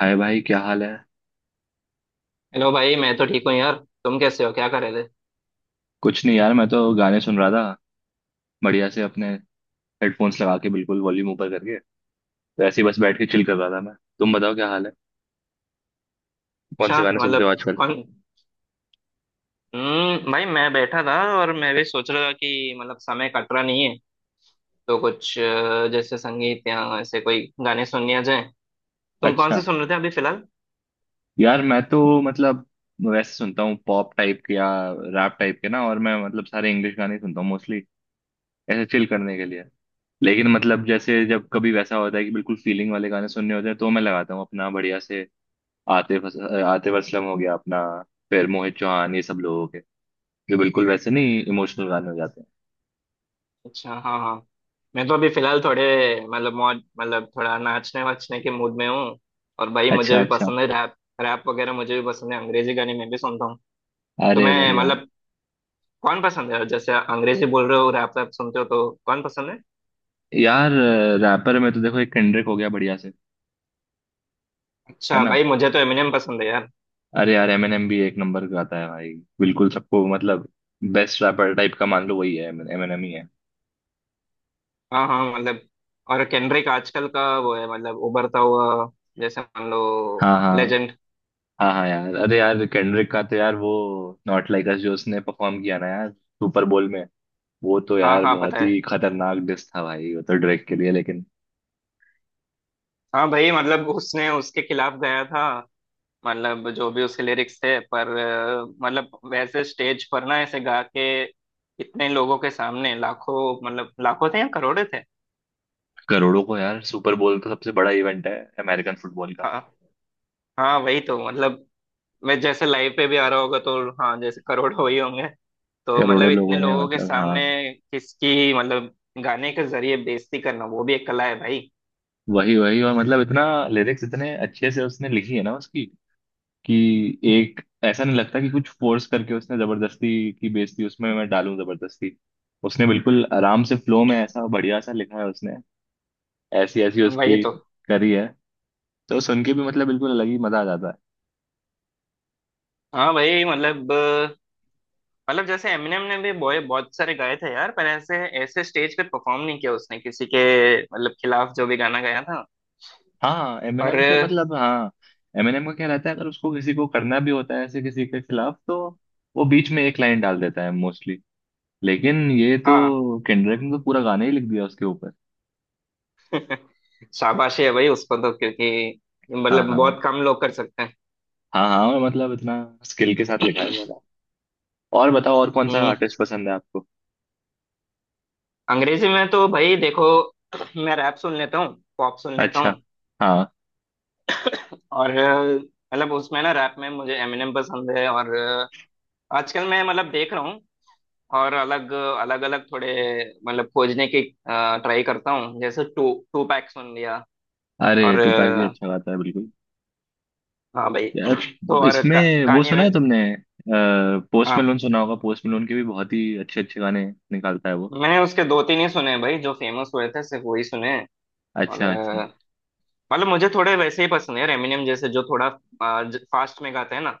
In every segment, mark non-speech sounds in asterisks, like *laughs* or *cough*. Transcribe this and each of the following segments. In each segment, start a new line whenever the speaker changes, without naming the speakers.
हाय भाई, क्या हाल है।
हेलो भाई मैं तो ठीक हूँ यार। तुम कैसे हो? क्या कर रहे थे?
कुछ नहीं यार, मैं तो गाने सुन रहा था बढ़िया से, अपने हेडफोन्स लगा के बिल्कुल वॉल्यूम ऊपर करके। तो ऐसे ही बस बैठ के चिल कर रहा था मैं। तुम बताओ क्या हाल है, कौन से
अच्छा,
गाने सुनते हो
मतलब
आजकल।
कौन? भाई मैं बैठा था। और मैं भी सोच रहा था कि मतलब समय कट रहा नहीं है। तो कुछ जैसे संगीत या ऐसे कोई गाने सुन लिया जाए। तुम कौन
अच्छा,
से सुन रहे थे अभी फिलहाल?
यार मैं तो मतलब वैसे सुनता हूँ पॉप टाइप के या रैप टाइप के ना, और मैं मतलब सारे इंग्लिश गाने ही सुनता हूँ मोस्टली, ऐसे चिल करने के लिए। लेकिन मतलब जैसे जब कभी वैसा होता है कि बिल्कुल फीलिंग वाले गाने सुनने होते हैं तो मैं लगाता हूँ अपना बढ़िया से। आतिफ आतिफ असलम हो गया अपना, फिर मोहित चौहान, ये सब लोगों के, ये बिल्कुल वैसे नहीं, इमोशनल गाने हो जाते
अच्छा, हाँ हाँ। मैं तो अभी फिलहाल थोड़े, मतलब मौज, मतलब थोड़ा नाचने वाचने के मूड में हूँ। और भाई
हैं।
मुझे
अच्छा
भी
अच्छा।
पसंद है रैप। रैप वगैरह मुझे भी पसंद है, अंग्रेजी गाने मैं भी सुनता हूँ।
अरे
तुम्हें,
बढ़िया।
मतलब कौन पसंद है? जैसे अंग्रेजी बोल रहे हो, रैप रैप सुनते हो तो कौन पसंद है?
यार, रैपर में तो देखो एक केंड्रिक हो गया बढ़िया से। है
अच्छा
ना।
भाई मुझे तो एमिनेम पसंद है यार।
अरे यार, एमिनेम भी एक नंबर गाता है भाई, बिल्कुल सबको मतलब बेस्ट रैपर टाइप का मान लो, वही है, एमिनेम ही है।
हाँ हाँ, मतलब और केंड्रिक आजकल का वो है, मतलब उभरता हुआ, जैसे मान लो
हाँ हाँ।
लेजेंड।
हाँ हाँ यार, अरे यार केंड्रिक का तो यार वो नॉट लाइक अस जो उसने परफॉर्म किया ना यार सुपर बोल में, वो तो
हाँ
यार
हाँ पता
बहुत
है।
ही खतरनाक डिस था भाई, वो तो ड्रेक के लिए। लेकिन
हाँ भाई, मतलब उसने उसके खिलाफ गया था, मतलब जो भी उसके लिरिक्स थे, पर मतलब वैसे स्टेज पर ना ऐसे गा के इतने लोगों के सामने, लाखों, मतलब लाखों थे या करोड़े थे।
करोड़ों को यार, सुपर बोल तो सबसे बड़ा इवेंट है अमेरिकन फुटबॉल का।
हाँ हाँ, वही तो मतलब। मैं जैसे लाइव पे भी आ रहा होगा तो हाँ जैसे करोड़ हो ही होंगे। तो मतलब
करोड़ों
इतने
लोगों ने
लोगों के
मतलब, हाँ।
सामने किसकी, मतलब गाने के जरिए बेइज्जती करना वो भी एक कला है भाई।
वही वही, और मतलब इतना लिरिक्स इतने अच्छे से उसने लिखी है ना उसकी, कि एक ऐसा नहीं लगता कि कुछ फोर्स करके उसने जबरदस्ती की बेइज्जती उसमें मैं डालूं जबरदस्ती। उसने बिल्कुल आराम से फ्लो में ऐसा बढ़िया सा लिखा है उसने, ऐसी ऐसी उसकी
वही तो।
करी है। तो सुन के भी मतलब बिल्कुल अलग ही मजा आ जाता है।
हाँ भाई, मतलब मतलब जैसे एमिनेम ने भी बॉय बहुत सारे गाए थे यार, पर ऐसे ऐसे स्टेज पे परफॉर्म नहीं किया उसने किसी के, मतलब खिलाफ जो भी गाना गाया था,
हाँ,
पर
एमएनएम के मतलब, हाँ एमएनएम का क्या रहता है, अगर उसको किसी को करना भी होता है ऐसे किसी के खिलाफ तो वो बीच में एक लाइन डाल देता है मोस्टली। लेकिन ये
हाँ।
तो केंड्रिक ने तो पूरा गाना ही लिख दिया उसके ऊपर।
*laughs* शाबाशी है भाई उसको तो, क्योंकि
हाँ
मतलब
हाँ।
बहुत कम लोग कर सकते हैं।
हाँ हाँ, मतलब इतना स्किल के साथ लिखा है, बोला। और बताओ, और कौन सा
हम्म
आर्टिस्ट पसंद है आपको।
अंग्रेजी में तो भाई देखो, मैं रैप सुन लेता हूँ, पॉप सुन लेता
अच्छा,
हूँ
हाँ,
और मतलब उसमें ना रैप में मुझे एमिनेम पसंद है और आजकल मैं मतलब देख रहा हूँ और अलग अलग अलग थोड़े, मतलब खोजने की ट्राई करता हूँ। जैसे टू टू पैक सुन लिया
अरे
और
टूपैक भी अच्छा गाता है बिल्कुल।
हाँ भाई। *clears throat* तो
यार,
और
इसमें वो
कान्ये।
सुना है तुमने, पोस्ट
हाँ
मेलोन सुना होगा। पोस्ट मेलोन के भी बहुत ही अच्छे अच्छे गाने निकालता है वो।
मैंने उसके दो तीन ही सुने भाई, जो फेमस हुए थे सिर्फ वही सुने हैं। और
अच्छा अच्छा
मतलब मुझे थोड़े वैसे ही पसंद है एमिनेम जैसे, जो थोड़ा फास्ट में गाते हैं ना,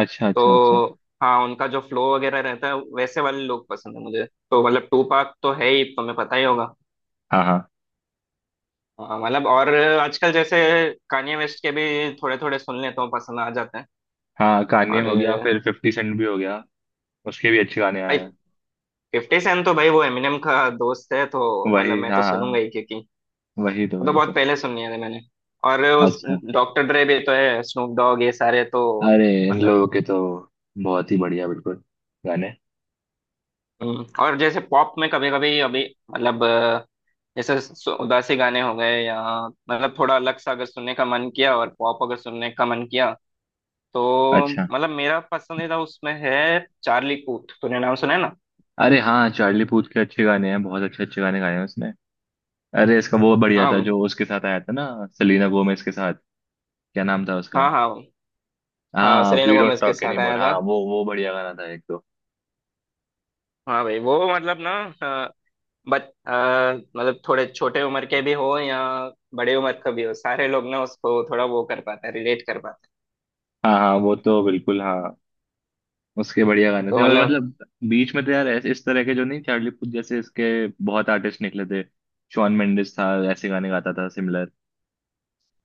अच्छा।
तो
अच्छा अच्छा।
हाँ उनका जो फ्लो वगैरह रहता है वैसे वाले लोग पसंद है मुझे। तो मतलब टू पाक तो है ही, तुम्हें पता ही होगा।
हाँ हाँ।
हाँ, मतलब और आजकल जैसे कान्ये वेस्ट के भी थोड़े थोड़े सुन लेता हूँ, पसंद आ जाते हैं।
हाँ कान्ये
और
हो गया,
ये
फिर फिफ्टी सेंट भी हो गया, उसके भी अच्छे गाने
भाई
आए हैं।
फिफ्टी सेंट तो भाई वो एमिनेम का दोस्त है, तो मतलब
वही
मैं तो
हाँ
सुनूंगा
हाँ।
ही, क्योंकि
वही तो
वो तो
वही तो।
बहुत पहले सुन लिए थे मैंने। और उस
अच्छा।
डॉक्टर ड्रे भी तो है, स्नूप डॉग, ये सारे तो
अरे इन
मतलब।
लोगों के तो बहुत ही बढ़िया बिल्कुल गाने।
और जैसे पॉप में कभी कभी अभी, मतलब जैसे उदासी गाने हो गए या मतलब थोड़ा अलग सा, अगर सुनने का मन किया और पॉप अगर सुनने का मन किया, तो
अच्छा।
मतलब मेरा पसंदीदा उसमें है चार्ली पूथ। तूने नाम सुना है ना?
अरे हाँ, चार्ली पूथ के अच्छे गाने हैं, बहुत अच्छे अच्छे गाने गाए हैं उसने। अरे इसका वो बढ़िया
हाँ
था जो
भाई।
उसके साथ आया था ना, सेलेना गोमेज के साथ, क्या नाम था उसका।
हाँ हाँ भाई। हाँ
हाँ,
सेलेना
वी डोंट
गोमेज के
टॉक
साथ
एनीमोर,
आया
हाँ
था।
वो बढ़िया गाना था एक तो।
हाँ भाई वो मतलब ना अ, बच अ, मतलब थोड़े छोटे उम्र के भी हो या बड़े उम्र का भी हो, सारे लोग ना उसको थोड़ा वो कर पाते हैं, रिलेट कर पाते हैं।
हाँ हाँ वो तो बिल्कुल, हाँ उसके बढ़िया गाने थे
तो
और
मतलब
मतलब बीच में तो यार इस तरह के जो नहीं चार्ली पूथ जैसे, इसके बहुत आर्टिस्ट निकले थे। शॉन मेंडिस था, ऐसे गाने गाता था सिमिलर।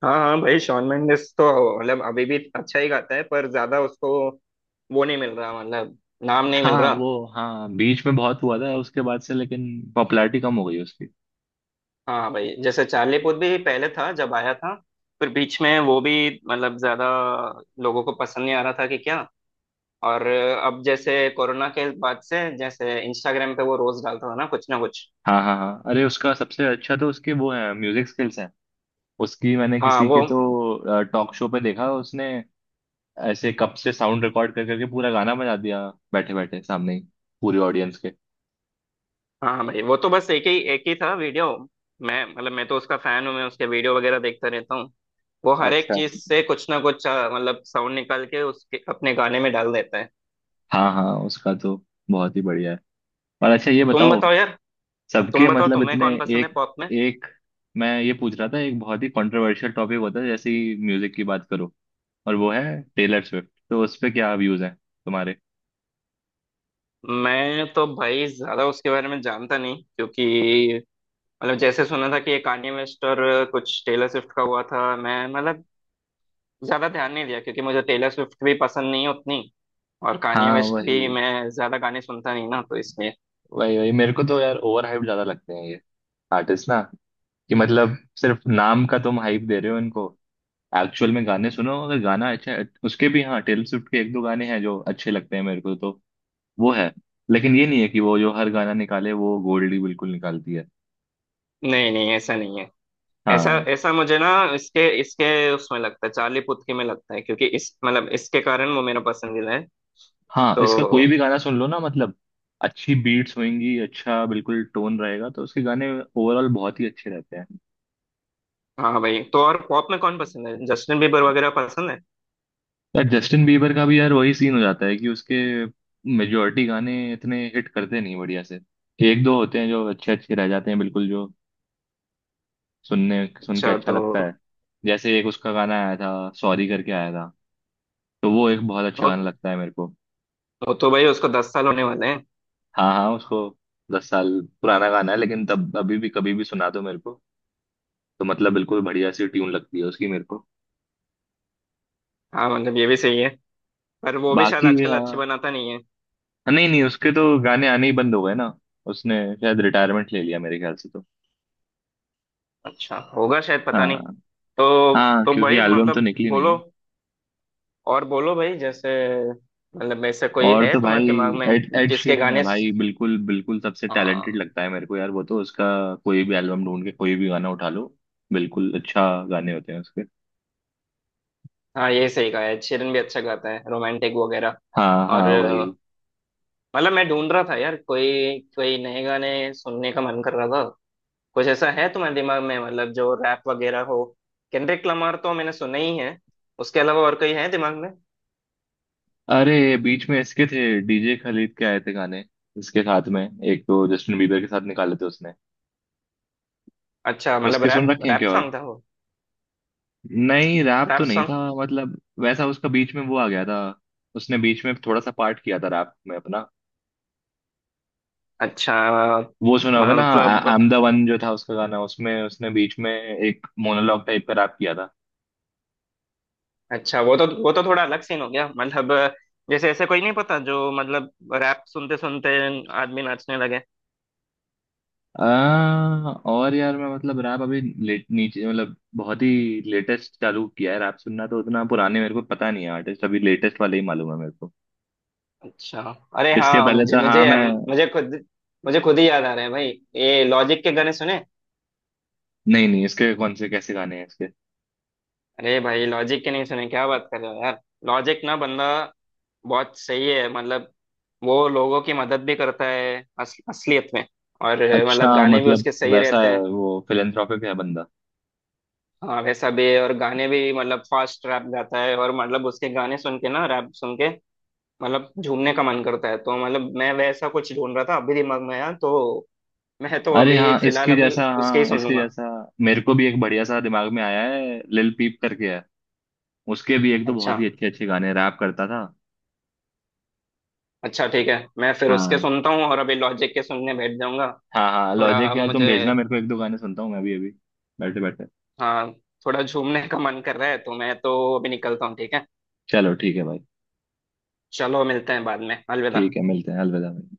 हाँ हाँ भाई, शॉन मेंडिस तो मतलब अभी भी अच्छा ही गाता है, पर ज्यादा उसको वो नहीं मिल रहा, मतलब नाम नहीं मिल
हाँ
रहा।
वो, हाँ बीच में बहुत हुआ था उसके बाद से, लेकिन पॉपुलैरिटी कम हो गई उसकी।
हाँ हाँ, भाई जैसे चार्ली पुथ भी पहले था जब आया था, फिर बीच में वो भी मतलब ज्यादा लोगों को पसंद नहीं आ रहा था कि क्या, और अब जैसे कोरोना के बाद से जैसे इंस्टाग्राम पे वो रोज डालता था ना कुछ ना कुछ।
हाँ हाँ हाँ, अरे उसका सबसे अच्छा तो उसके वो है, म्यूजिक स्किल्स हैं उसकी। मैंने
हाँ
किसी
वो।
के तो टॉक शो पे देखा, उसने ऐसे कप से साउंड रिकॉर्ड कर करके पूरा गाना बजा दिया, बैठे बैठे सामने ही, पूरी ऑडियंस के।
हाँ भाई वो तो बस एक ही था वीडियो। मैं मतलब मैं तो उसका फैन हूँ, मैं उसके वीडियो वगैरह देखता रहता हूँ। वो हर एक
अच्छा।
चीज से कुछ ना कुछ मतलब साउंड निकाल के उसके अपने गाने में डाल देता है।
हाँ हाँ, उसका तो बहुत ही बढ़िया है। और अच्छा ये
तुम
बताओ,
बताओ यार, तुम
सबके
बताओ
मतलब
तुम्हें
इतने,
कौन पसंद है
एक
पॉप में?
एक, मैं ये पूछ रहा था, एक बहुत ही कंट्रोवर्शियल टॉपिक होता है जैसे ही म्यूजिक की बात करो, और वो है टेलर स्विफ्ट, तो उस पे क्या व्यूज हैं तुम्हारे।
मैं तो भाई ज्यादा उसके बारे में जानता नहीं, क्योंकि मतलब जैसे सुना था कि ये कान्ये वेस्ट और कुछ टेलर स्विफ्ट का हुआ था, मैं मतलब ज्यादा ध्यान नहीं दिया, क्योंकि मुझे टेलर स्विफ्ट भी पसंद नहीं है उतनी, और कान्ये
हाँ
वेस्ट भी
वही,
मैं ज्यादा गाने सुनता नहीं ना, तो इसलिए
वही वही, मेरे को तो यार ओवर हाइप ज्यादा लगते हैं ये आर्टिस्ट ना, कि मतलब सिर्फ नाम का तुम हाइप दे रहे हो इनको। एक्चुअल में गाने सुनो, अगर गाना अच्छा है उसके भी, हाँ टेलर स्विफ्ट के एक दो गाने हैं जो अच्छे लगते हैं मेरे को तो, वो है। लेकिन ये नहीं है कि वो जो हर गाना निकाले वो गोल्ड ही बिल्कुल निकालती है।
नहीं नहीं ऐसा नहीं है। ऐसा
हाँ।
ऐसा मुझे ना इसके इसके उसमें लगता है, चार्ली पुथी में लगता है, क्योंकि इस मतलब इसके कारण वो मेरा पसंदीदा है।
हाँ
तो
इसका कोई भी गाना सुन लो ना मतलब, अच्छी बीट्स होंगी, अच्छा बिल्कुल टोन रहेगा, तो उसके गाने ओवरऑल बहुत ही अच्छे रहते हैं।
हाँ भाई, तो और पॉप में कौन पसंद है? जस्टिन बीबर वगैरह पसंद है?
यार जस्टिन बीबर का भी यार वही सीन हो जाता है कि उसके मेजोरिटी गाने इतने हिट करते नहीं बढ़िया से। एक दो होते हैं जो अच्छे अच्छे रह जाते हैं बिल्कुल, जो सुनने सुन के
अच्छा
अच्छा
तो
लगता है। जैसे एक उसका गाना आया था, सॉरी करके आया था, तो वो एक बहुत अच्छा गाना
वो,
लगता है मेरे को।
वो तो भाई उसको 10 साल होने वाले हैं।
हाँ हाँ उसको 10 साल, पुराना गाना है, लेकिन तब अभी भी कभी भी सुना दो मेरे को, तो मतलब बिल्कुल बढ़िया सी ट्यून लगती है उसकी मेरे को।
हाँ मतलब ये भी सही है, पर वो भी शायद
बाकी
आजकल
हाँ
अच्छे
हाँ,
बनाता नहीं है।
नहीं नहीं, उसके तो गाने आने ही बंद हो गए ना। उसने शायद रिटायरमेंट ले लिया मेरे ख्याल से तो।
अच्छा होगा शायद, पता नहीं।
हाँ,
तो
हाँ
तो
क्योंकि
भाई
एल्बम तो
मतलब
निकली नहीं
बोलो,
है।
और बोलो भाई, जैसे मतलब ऐसा कोई
और
है
तो
तुम्हारे
भाई
दिमाग में
एड एड
जिसके
शीरन है
गाने?
भाई, बिल्कुल बिल्कुल सबसे टैलेंटेड
हाँ
लगता है मेरे को यार वो तो। उसका कोई भी एल्बम ढूंढ के कोई भी गाना उठा लो, बिल्कुल अच्छा गाने होते हैं उसके।
हाँ, ये सही कहा है, शिरन भी अच्छा गाता है, रोमांटिक वगैरह।
हाँ
और
हाँ भाई।
मतलब मैं ढूंढ रहा था यार कोई कोई नए गाने, सुनने का मन कर रहा था। कुछ ऐसा है तुम्हारे दिमाग में मतलब जो रैप वगैरह हो? केंड्रिक लमार तो मैंने सुना ही है, उसके अलावा और कोई है दिमाग में?
अरे बीच में इसके थे डीजे खालिद के आए थे गाने, इसके साथ में एक तो जस्टिन बीबर के साथ निकाले थे उसने।
अच्छा मतलब
उसके सुन
रैप
रखे हैं
रैप
क्या, और
सॉन्ग था वो?
नहीं रैप
रैप
तो नहीं था
सॉन्ग।
मतलब, वैसा उसका बीच में वो आ गया था, उसने बीच में थोड़ा सा पार्ट किया था रैप में अपना।
अच्छा अ,
वो सुना होगा ना, आई
मतलब
एम द वन जो था उसका गाना, उसमें उसने बीच में एक मोनोलॉग टाइप का रैप किया था।
अच्छा वो तो थोड़ा अलग सीन हो गया, मतलब जैसे ऐसे कोई नहीं पता जो मतलब रैप सुनते सुनते आदमी नाचने लगे।
और यार मैं मतलब रैप अभी लेट नीचे मतलब बहुत ही लेटेस्ट चालू किया है रैप सुनना, तो उतना पुराने मेरे को पता नहीं है आर्टिस्ट, अभी लेटेस्ट वाले ही मालूम है मेरे को।
अच्छा। अरे
इसके
हाँ
पहले
मुझे
तो हाँ
मुझे
मैं,
मुझे खुद मुझे खुद ही याद आ रहा है भाई, ये लॉजिक के गाने सुने?
नहीं नहीं इसके कौन से कैसे गाने हैं इसके।
अरे भाई लॉजिक के नहीं सुने? क्या बात कर रहे हो यार। लॉजिक ना बंदा बहुत सही है, मतलब वो लोगों की मदद भी करता है असलियत में। और
अच्छा
मतलब गाने भी
मतलब,
उसके सही
वैसा
रहते
है
हैं।
वो, फिलेंथ्रोपिक है बंदा।
हाँ वैसा भी है, और गाने भी मतलब फास्ट रैप गाता है, और मतलब उसके गाने सुन के ना रैप सुन के मतलब झूमने का मन करता है। तो मतलब मैं वैसा कुछ ढूंढ रहा था अभी दिमाग में यार, तो मैं तो
अरे
अभी
हाँ
फिलहाल
इसके
अभी
जैसा,
उसके ही
हाँ
सुन
इसके
लूंगा।
जैसा मेरे को भी एक बढ़िया सा दिमाग में आया है, लिल पीप करके। उसके भी एक दो
अच्छा
बहुत ही अच्छे अच्छे गाने रैप करता था।
अच्छा ठीक है, मैं फिर उसके
हाँ।
सुनता हूँ और अभी लॉजिक के सुनने बैठ जाऊंगा।
हाँ हाँ,
थोड़ा
लॉजिक यार तुम
मुझे,
भेजना मेरे को, एक दो गाने सुनता हूँ मैं भी अभी बैठे बैठे।
हाँ थोड़ा झूमने का मन कर रहा है, तो मैं तो अभी निकलता हूँ, ठीक है।
चलो ठीक है भाई,
चलो मिलते हैं बाद में, अलविदा।
ठीक है, मिलते हैं, अलविदा भाई।